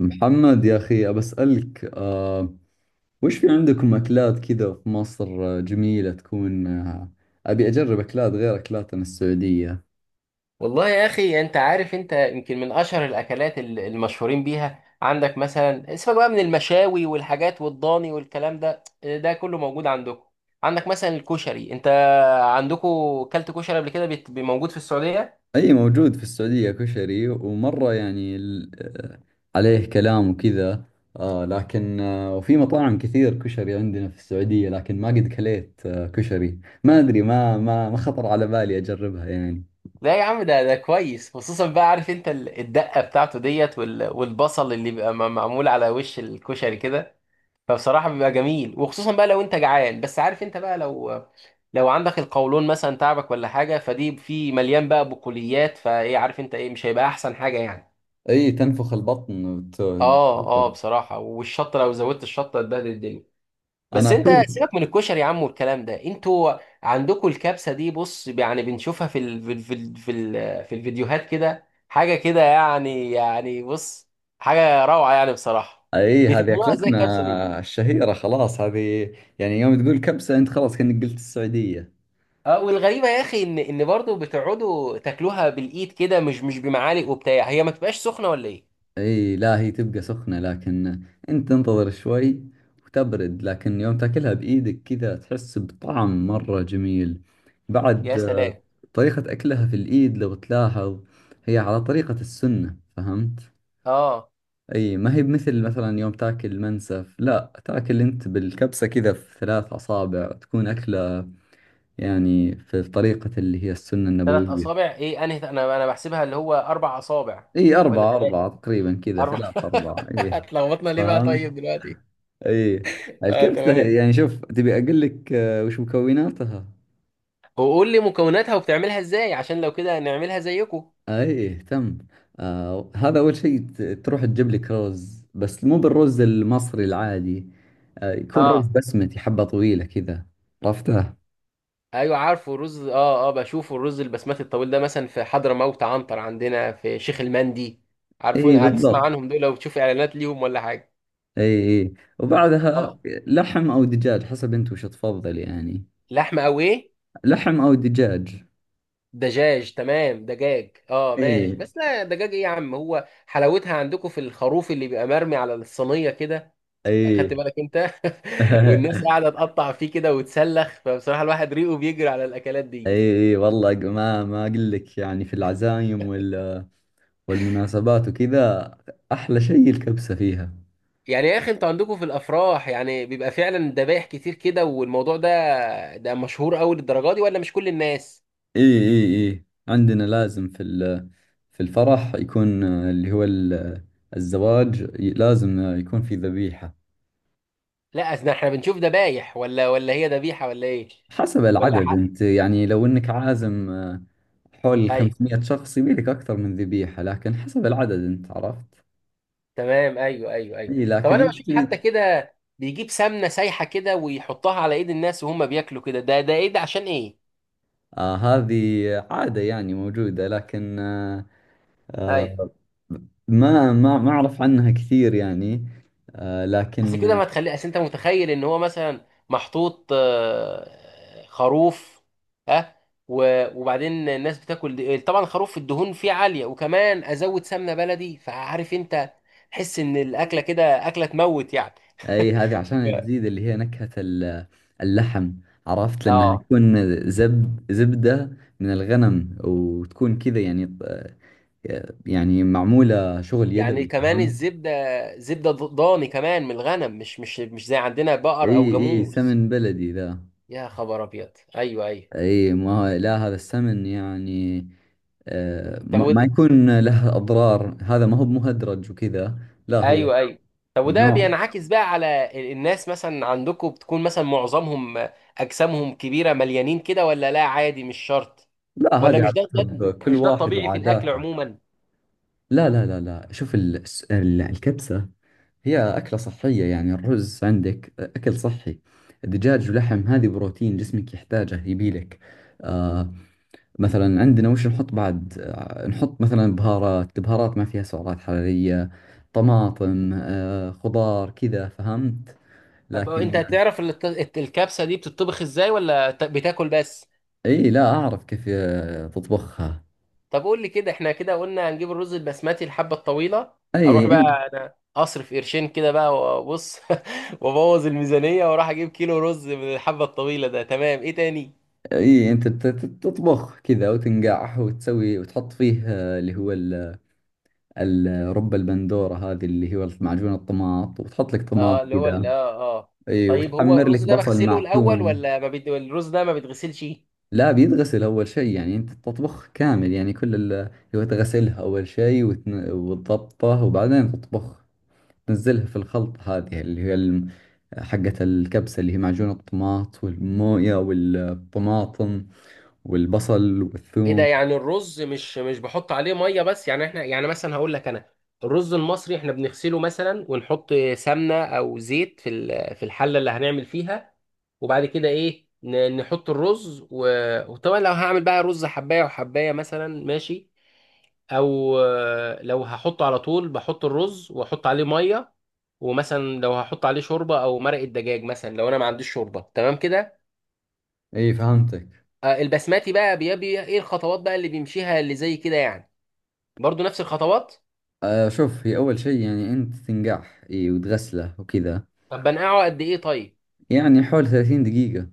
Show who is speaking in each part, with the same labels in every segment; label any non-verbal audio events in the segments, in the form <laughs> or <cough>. Speaker 1: محمد يا أخي أبسألك وش في عندكم أكلات كذا في مصر؟ آه، جميلة تكون أبي أجرب أكلات غير أكلاتنا السعودية.
Speaker 2: والله يا اخي، انت عارف. انت يمكن من اشهر الاكلات المشهورين بيها عندك. مثلا سيبك بقى من المشاوي والحاجات والضاني والكلام ده كله موجود عندكم. عندك مثلا الكشري، انت عندكم كلت كشري قبل كده؟ موجود في السعوديه.
Speaker 1: أي، موجود في السعودية كشري، ومرة يعني آه، عليه كلام وكذا. آه لكن وفي مطاعم كثير كشري عندنا في السعودية، لكن ما قد كليت كشري، ما أدري، ما خطر على بالي أجربها يعني.
Speaker 2: لا يا عم، ده كويس، خصوصا بقى. عارف انت الدقه بتاعته ديت والبصل اللي بيبقى معمول على وش الكشري كده؟ فبصراحة بيبقى جميل، وخصوصا بقى لو انت جعان. بس عارف انت بقى، لو عندك القولون مثلا تعبك ولا حاجة، فدي في مليان بقى بقوليات فايه، عارف انت ايه؟ مش هيبقى احسن حاجة يعني.
Speaker 1: أي تنفخ البطن
Speaker 2: اه، اه، بصراحة. والشطة، لو زودت الشطة هتبهدل الدنيا.
Speaker 1: أنا
Speaker 2: بس انت
Speaker 1: أشوف.
Speaker 2: سيبك من الكشري يا عم، والكلام ده. انتوا عندكم الكبسة دي، بص يعني بنشوفها في الفيديوهات كده، حاجة كده يعني بص، حاجة روعة يعني بصراحة.
Speaker 1: اي، هذه
Speaker 2: بتعملوها ازاي الكبسة دي؟
Speaker 1: اكلتنا الشهيرة، خلاص هذه. يعني يوم تقول كبسة انت خلاص كأنك قلت السعودية.
Speaker 2: اه، والغريبه يا اخي، ان برضه بتقعدوا تاكلوها بالايد كده، مش بمعالق وبتاع. هي ما تبقاش سخنه ولا ايه؟
Speaker 1: اي، لا هي تبقى سخنة، لكن انت تنتظر شوي وتبرد، لكن يوم تاكلها بايدك كذا تحس بطعم مرة جميل بعد
Speaker 2: يا سلام.
Speaker 1: طريقة اكلها في الايد لو تلاحظ، هي على طريقة السنة، فهمت؟
Speaker 2: اه.
Speaker 1: اي، ما هي بمثل، مثلا يوم تاكل منسف، لا تاكل انت بالكبسة كذا، في ثلاث اصابع تكون اكلة، يعني في طريقة اللي هي السنة
Speaker 2: ثلاث
Speaker 1: النبوية.
Speaker 2: اصابع ايه، انا بحسبها اللي هو اربع اصابع.
Speaker 1: اي
Speaker 2: ولا
Speaker 1: أربعة أربعة
Speaker 2: ثلاثه،
Speaker 1: تقريبا، كذا
Speaker 2: اربع
Speaker 1: ثلاثة
Speaker 2: <laughs>
Speaker 1: أربعة، اي.
Speaker 2: اتلخبطنا ليه بقى طيب
Speaker 1: فاهم.
Speaker 2: دلوقتي.
Speaker 1: اي
Speaker 2: اه،
Speaker 1: الكبسة
Speaker 2: تمام.
Speaker 1: يعني شوف، تبي أقول لك وش مكوناتها؟
Speaker 2: وقول لي مكوناتها وبتعملها ازاي، عشان لو كده نعملها زيكم.
Speaker 1: اي تم. آه، هذا أول شيء تروح تجيب لك رز، بس مو بالرز المصري العادي، آه يكون رز
Speaker 2: اه،
Speaker 1: بسمتي، حبة طويلة كذا، عرفتها؟
Speaker 2: ايوه عارفه الرز. اه، اه، بشوفه الرز البسمتي الطويل ده، مثلا في حضرموت عنتر، عندنا في شيخ المندي، عارفون؟
Speaker 1: اي
Speaker 2: هتسمع
Speaker 1: بالضبط.
Speaker 2: عنهم دول لو بتشوف اعلانات ليهم ولا حاجه.
Speaker 1: اي اي، وبعدها
Speaker 2: اه.
Speaker 1: لحم أو دجاج، حسب أنت وش تفضل يعني.
Speaker 2: لحمه او ايه؟
Speaker 1: لحم أو دجاج.
Speaker 2: دجاج تمام، دجاج اه ماشي.
Speaker 1: ايه.
Speaker 2: بس لا، دجاج ايه يا عم؟ هو حلاوتها عندكم في الخروف اللي بيبقى مرمي على الصينيه كده.
Speaker 1: اي.
Speaker 2: اخدت بالك انت؟ <laughs>
Speaker 1: <laughs>
Speaker 2: والناس
Speaker 1: اي،
Speaker 2: قاعده تقطع فيه كده وتسلخ، فبصراحه الواحد ريقه بيجري على الاكلات دي.
Speaker 1: اي والله، ما اقول لك، يعني في العزايم والمناسبات وكذا، احلى شيء الكبسة فيها.
Speaker 2: يعني يا اخي، انتوا عندكم في الافراح يعني بيبقى فعلا ذبايح كتير كده، والموضوع ده، ده مشهور قوي للدرجه دي ولا مش كل الناس؟
Speaker 1: اي اي اي، عندنا لازم في الفرح يكون اللي هو الزواج، لازم يكون في ذبيحة.
Speaker 2: لا، اصل احنا بنشوف ذبايح، ولا هي ذبيحه ولا ايه.
Speaker 1: حسب
Speaker 2: ولا
Speaker 1: العدد
Speaker 2: حق.
Speaker 1: انت، يعني لو انك عازم حول
Speaker 2: ايوه،
Speaker 1: 500 شخص يبي لك اكثر من ذبيحة، لكن حسب العدد انت، عرفت؟
Speaker 2: تمام، ايوه، ايوه، ايوه.
Speaker 1: اي
Speaker 2: طب
Speaker 1: لكن
Speaker 2: انا بشوف
Speaker 1: انت.
Speaker 2: حتى كده، بيجيب سمنه سايحه كده ويحطها على ايد الناس وهم بياكلوا كده، ده ايه، ده عشان ايه؟
Speaker 1: آه، هذه عادة يعني موجودة، لكن
Speaker 2: ايوه،
Speaker 1: آه، ما أعرف عنها كثير يعني،
Speaker 2: اصل
Speaker 1: لكن
Speaker 2: كده ما تخلي. اصل انت متخيل ان هو مثلا محطوط خروف، ها، وبعدين الناس بتاكل دي. طبعا خروف الدهون فيه عاليه، وكمان ازود سمنه بلدي، فعارف انت، تحس ان الاكله كده اكله تموت يعني.
Speaker 1: أي، هذه عشان
Speaker 2: ف-
Speaker 1: تزيد اللي هي نكهة اللحم، عرفت؟ لأنها
Speaker 2: اه
Speaker 1: تكون زبدة من الغنم، وتكون كذا يعني يعني معمولة شغل
Speaker 2: يعني
Speaker 1: يدوي،
Speaker 2: كمان
Speaker 1: فهمت؟
Speaker 2: الزبدة، زبدة ضاني كمان من الغنم، مش زي عندنا
Speaker 1: إي
Speaker 2: بقر أو
Speaker 1: إي،
Speaker 2: جاموس.
Speaker 1: سمن بلدي ذا.
Speaker 2: يا خبر أبيض. أيوه، أيوه.
Speaker 1: اي ما هو، لا، هذا السمن يعني
Speaker 2: طب
Speaker 1: ما
Speaker 2: وده.
Speaker 1: يكون له اضرار، هذا ما هو مهدرج وكذا. لا هو
Speaker 2: أيوه، أيوه. طب وده
Speaker 1: ممنوع.
Speaker 2: بينعكس بقى على الناس مثلا عندكم، بتكون مثلا معظمهم أجسامهم كبيرة مليانين كده، ولا لا عادي مش شرط؟
Speaker 1: لا،
Speaker 2: ولا
Speaker 1: هذه
Speaker 2: مش
Speaker 1: على
Speaker 2: ده
Speaker 1: حسب كل
Speaker 2: مش ده
Speaker 1: واحد
Speaker 2: الطبيعي في الأكل
Speaker 1: وعاداته.
Speaker 2: عموما.
Speaker 1: لا، لا، لا، لا، شوف الكبسة هي أكلة صحية، يعني الرز عندك أكل صحي، الدجاج ولحم هذه بروتين جسمك يحتاجه يبيلك. آه، مثلا عندنا وش نحط، بعد نحط مثلا بهارات، بهارات ما فيها سعرات حرارية، طماطم خضار كذا، فهمت؟
Speaker 2: طب أنت
Speaker 1: لكن.
Speaker 2: تعرف الكبسة دي بتطبخ إزاي، ولا بتاكل بس؟
Speaker 1: اي لا اعرف كيف تطبخها.
Speaker 2: طب قول لي كده، احنا كده قلنا هنجيب الرز البسمتي الحبة الطويلة، اروح
Speaker 1: اي انت.
Speaker 2: بقى انا اصرف قرشين كده بقى وابص <laughs> وابوظ الميزانية، واروح اجيب كيلو رز من الحبة الطويلة ده، تمام. ايه تاني؟
Speaker 1: اي انت تطبخ كذا وتنقعه وتسوي وتحط فيه اللي هو رب البندورة، هذه اللي هو معجون الطماط، وتحط لك طماط
Speaker 2: اه، اللي هو
Speaker 1: كذا.
Speaker 2: اه،
Speaker 1: اي
Speaker 2: طيب هو
Speaker 1: وتحمر لك
Speaker 2: الرز ده
Speaker 1: بصل
Speaker 2: بغسله الاول
Speaker 1: معثوم.
Speaker 2: ولا ما بيت... الرز ده ما بيتغسلش؟
Speaker 1: لا بيتغسل أول شيء، يعني أنت تطبخ كامل، يعني كل ال هو تغسلها أول شيء وتضبطه وبعدين تطبخ، تنزلها في الخلط هذه اللي هي حقة الكبسة اللي هي معجون الطماط والموية والطماطم والبصل
Speaker 2: ايه ده
Speaker 1: والثوم.
Speaker 2: يعني، الرز مش بحط عليه ميه بس يعني؟ احنا يعني مثلا هقول لك انا، الرز المصري احنا بنغسله مثلا ونحط سمنه او زيت في الحله اللي هنعمل فيها، وبعد كده ايه، نحط الرز، وطبعا لو هعمل بقى رز حبايه وحبايه مثلا ماشي، او لو هحطه على طول بحط الرز واحط عليه ميه، ومثلا لو هحط عليه شوربه او مرقه دجاج مثلا، لو انا ما عنديش شوربه، تمام كده.
Speaker 1: اي فهمتك.
Speaker 2: البسماتي بقى بيبي ايه الخطوات بقى اللي بيمشيها اللي زي كده يعني، برضو نفس الخطوات؟
Speaker 1: آه شوف، هي أول شيء يعني أنت تنقعه، اي، وتغسله وكذا،
Speaker 2: طب بنقعه قد ايه طيب؟
Speaker 1: يعني حول 30 دقيقة.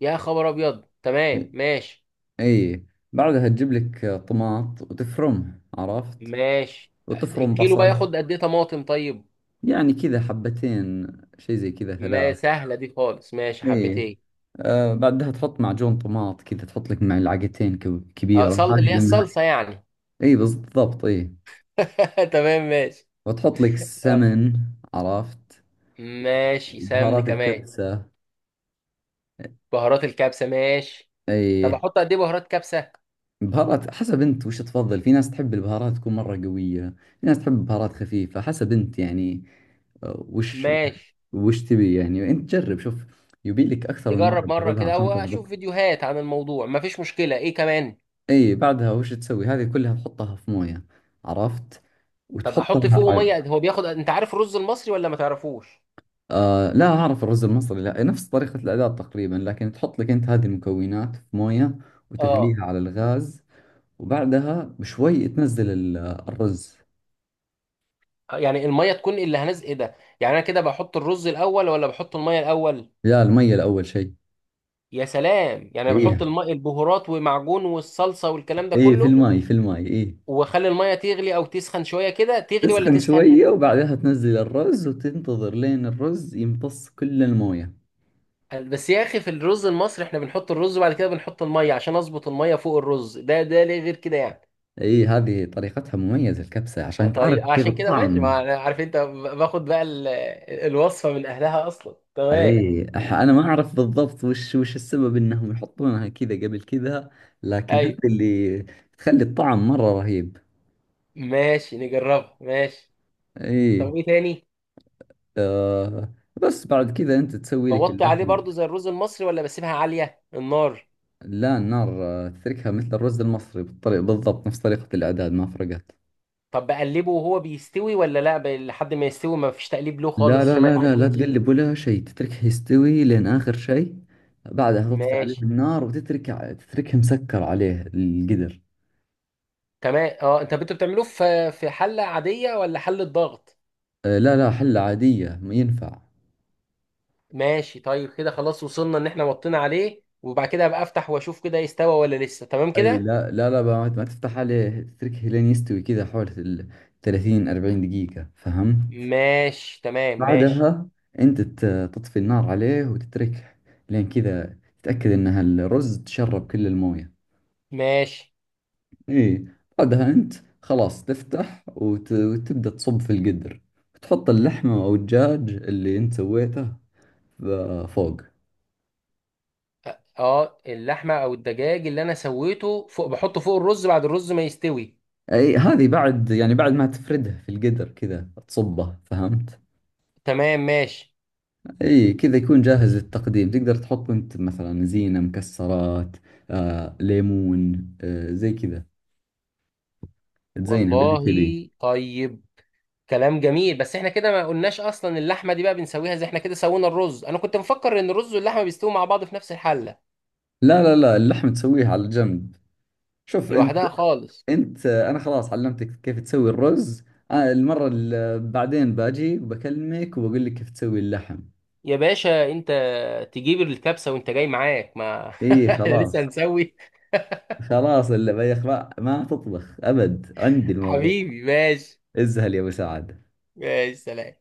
Speaker 2: يا خبر ابيض، تمام ماشي.
Speaker 1: اي بعدها تجيب لك طماط وتفرمه، عرفت؟
Speaker 2: ماشي.
Speaker 1: وتفرم
Speaker 2: الكيلو بقى
Speaker 1: بصل.
Speaker 2: ياخد قد ايه طماطم طيب؟
Speaker 1: يعني كذا حبتين، شيء زي كذا،
Speaker 2: ما
Speaker 1: ثلاث.
Speaker 2: سهله دي خالص، ماشي
Speaker 1: اي.
Speaker 2: حبتين.
Speaker 1: آه بعدها تحط معجون طماط كذا، تحط لك معلقتين
Speaker 2: اه،
Speaker 1: كبيرة،
Speaker 2: اللي
Speaker 1: هذه
Speaker 2: هي
Speaker 1: لأنها.
Speaker 2: الصلصه يعني؟
Speaker 1: اي بالضبط، اي.
Speaker 2: <laughs> تمام ماشي.
Speaker 1: وتحط لك
Speaker 2: اه،
Speaker 1: سمن، عرفت؟
Speaker 2: ماشي سمن
Speaker 1: بهارات
Speaker 2: كمان.
Speaker 1: الكبسة.
Speaker 2: بهارات الكبسه، ماشي. طب
Speaker 1: اي
Speaker 2: احط قد ايه بهارات كبسه؟
Speaker 1: بهارات، حسب انت وش تفضل، في ناس تحب البهارات تكون مرة قوية، في ناس تحب بهارات خفيفة، حسب انت يعني آه، وش
Speaker 2: ماشي،
Speaker 1: وش تبي يعني، انت جرب شوف، يبي لك اكثر من مرة
Speaker 2: نجرب مره
Speaker 1: تجربها
Speaker 2: كده
Speaker 1: عشان
Speaker 2: او اشوف
Speaker 1: تضبط.
Speaker 2: فيديوهات عن الموضوع، مفيش مشكله. ايه كمان؟
Speaker 1: اي بعدها وش تسوي، هذه كلها تحطها في مويه، عرفت؟
Speaker 2: طب احط
Speaker 1: وتحطها <laughs>
Speaker 2: فوقه
Speaker 1: على.
Speaker 2: ميه هو بياخد، انت عارف الرز المصري ولا ما تعرفوش؟
Speaker 1: آه لا اعرف الرز المصري، لا نفس طريقة الاعداد تقريبا، لكن تحط لك انت هذه المكونات في مويه،
Speaker 2: اه.
Speaker 1: وتغليها على الغاز، وبعدها بشوي تنزل الرز.
Speaker 2: يعني الميه تكون اللي هنزل ايه ده يعني، انا كده بحط الرز الاول ولا بحط الميه الاول؟
Speaker 1: لا، المية الاول شيء.
Speaker 2: يا سلام. يعني
Speaker 1: اي
Speaker 2: أنا بحط الميه، البهارات ومعجون والصلصه والكلام ده
Speaker 1: اي، في
Speaker 2: كله،
Speaker 1: الماي في الماي، اي.
Speaker 2: واخلي الميه تغلي او تسخن شويه كده؟ تغلي ولا
Speaker 1: تسخن
Speaker 2: تسخن؟
Speaker 1: شوية وبعدها تنزل الرز وتنتظر لين الرز يمتص كل المويه.
Speaker 2: بس يا اخي في الرز المصري احنا بنحط الرز وبعد كده بنحط الميه عشان اظبط الميه فوق الرز، ده، ده ليه غير كده يعني؟
Speaker 1: اي هذه طريقتها مميزة الكبسة
Speaker 2: اه،
Speaker 1: عشان تعرف
Speaker 2: طيب
Speaker 1: كيف
Speaker 2: عشان كده ماشي،
Speaker 1: الطعم.
Speaker 2: ما أنا عارف انت باخد بقى الوصفه من اهلها اصلا، تمام.
Speaker 1: اي انا ما اعرف بالضبط، وش السبب انهم يحطونها كذا قبل كذا، لكن هذه
Speaker 2: ايوه
Speaker 1: اللي تخلي الطعم مرة رهيب.
Speaker 2: ماشي، نجربها ماشي.
Speaker 1: اي.
Speaker 2: طب ايه تاني؟
Speaker 1: آه بس بعد كذا انت تسوي لك
Speaker 2: بوطي عليه
Speaker 1: اللحمة.
Speaker 2: برضو زي الرز المصري، ولا بسيبها عالية النار؟
Speaker 1: لا، النار تتركها مثل الرز المصري بالطريقة بالضبط، نفس طريقة الاعداد ما فرقت.
Speaker 2: طب بقلبه وهو بيستوي ولا لا، لحد ما يستوي ما فيش تقليب له
Speaker 1: لا،
Speaker 2: خالص
Speaker 1: لا،
Speaker 2: عشان ما
Speaker 1: لا، لا، لا
Speaker 2: يتعجنش؟
Speaker 1: تقلب ولا شيء، تتركه يستوي لين آخر شيء، بعدها تطفي عليه
Speaker 2: ماشي
Speaker 1: النار وتترك، تتركه مسكر عليه القدر.
Speaker 2: تمام. اه، انت انتوا بتعملوه في حلة عادية ولا حلة ضغط؟
Speaker 1: آه، لا لا، حلة عادية ينفع.
Speaker 2: ماشي طيب، كده خلاص وصلنا ان احنا وطينا عليه، وبعد كده ابقى افتح واشوف كده يستوى ولا لسه، تمام
Speaker 1: اي
Speaker 2: كده؟
Speaker 1: لا، لا، لا بقى، ما تفتح عليه، تتركه لين يستوي كذا، حوالي ال 30 40 دقيقة، فهم؟
Speaker 2: ماشي، تمام ماشي.
Speaker 1: بعدها انت تطفي النار عليه وتتركه لين كذا، تتأكد ان الرز تشرب كل الموية.
Speaker 2: ماشي.
Speaker 1: اي بعدها انت خلاص تفتح وتبدأ تصب في القدر، وتحط اللحمة او الدجاج اللي انت سويته فوق.
Speaker 2: اه. اللحمة او الدجاج اللي انا سويته فوق بحطه فوق الرز بعد الرز ما يستوي؟
Speaker 1: اي هذه بعد، يعني بعد ما تفردها في القدر كذا تصبه، فهمت؟
Speaker 2: تمام ماشي.
Speaker 1: اي كذا يكون جاهز للتقديم، تقدر تحط انت مثلا زينة مكسرات ليمون زي كذا، تزينه باللي
Speaker 2: والله.
Speaker 1: تبيه.
Speaker 2: طيب. كلام جميل، بس احنا كده ما قلناش اصلا اللحمه دي بقى بنسويها زي احنا كده سوينا الرز. انا كنت مفكر ان الرز واللحمه بيستووا مع بعض في نفس الحله.
Speaker 1: لا لا لا، اللحم تسويه على جنب، شوف انت،
Speaker 2: لوحدها خالص؟
Speaker 1: انت انا خلاص علمتك كيف تسوي الرز، المرة اللي بعدين باجي بكلمك وبقول لك كيف تسوي اللحم.
Speaker 2: يا باشا انت تجيب الكبسه وانت جاي معاك، ما <laughs>
Speaker 1: اي
Speaker 2: احنا لسه
Speaker 1: خلاص،
Speaker 2: هنسوي.
Speaker 1: خلاص، اللي بيخ ما تطبخ ابد عندي الموضوع.
Speaker 2: حبيبي ماشي.
Speaker 1: ازهل يا ابو سعد.
Speaker 2: ماشي، سلام.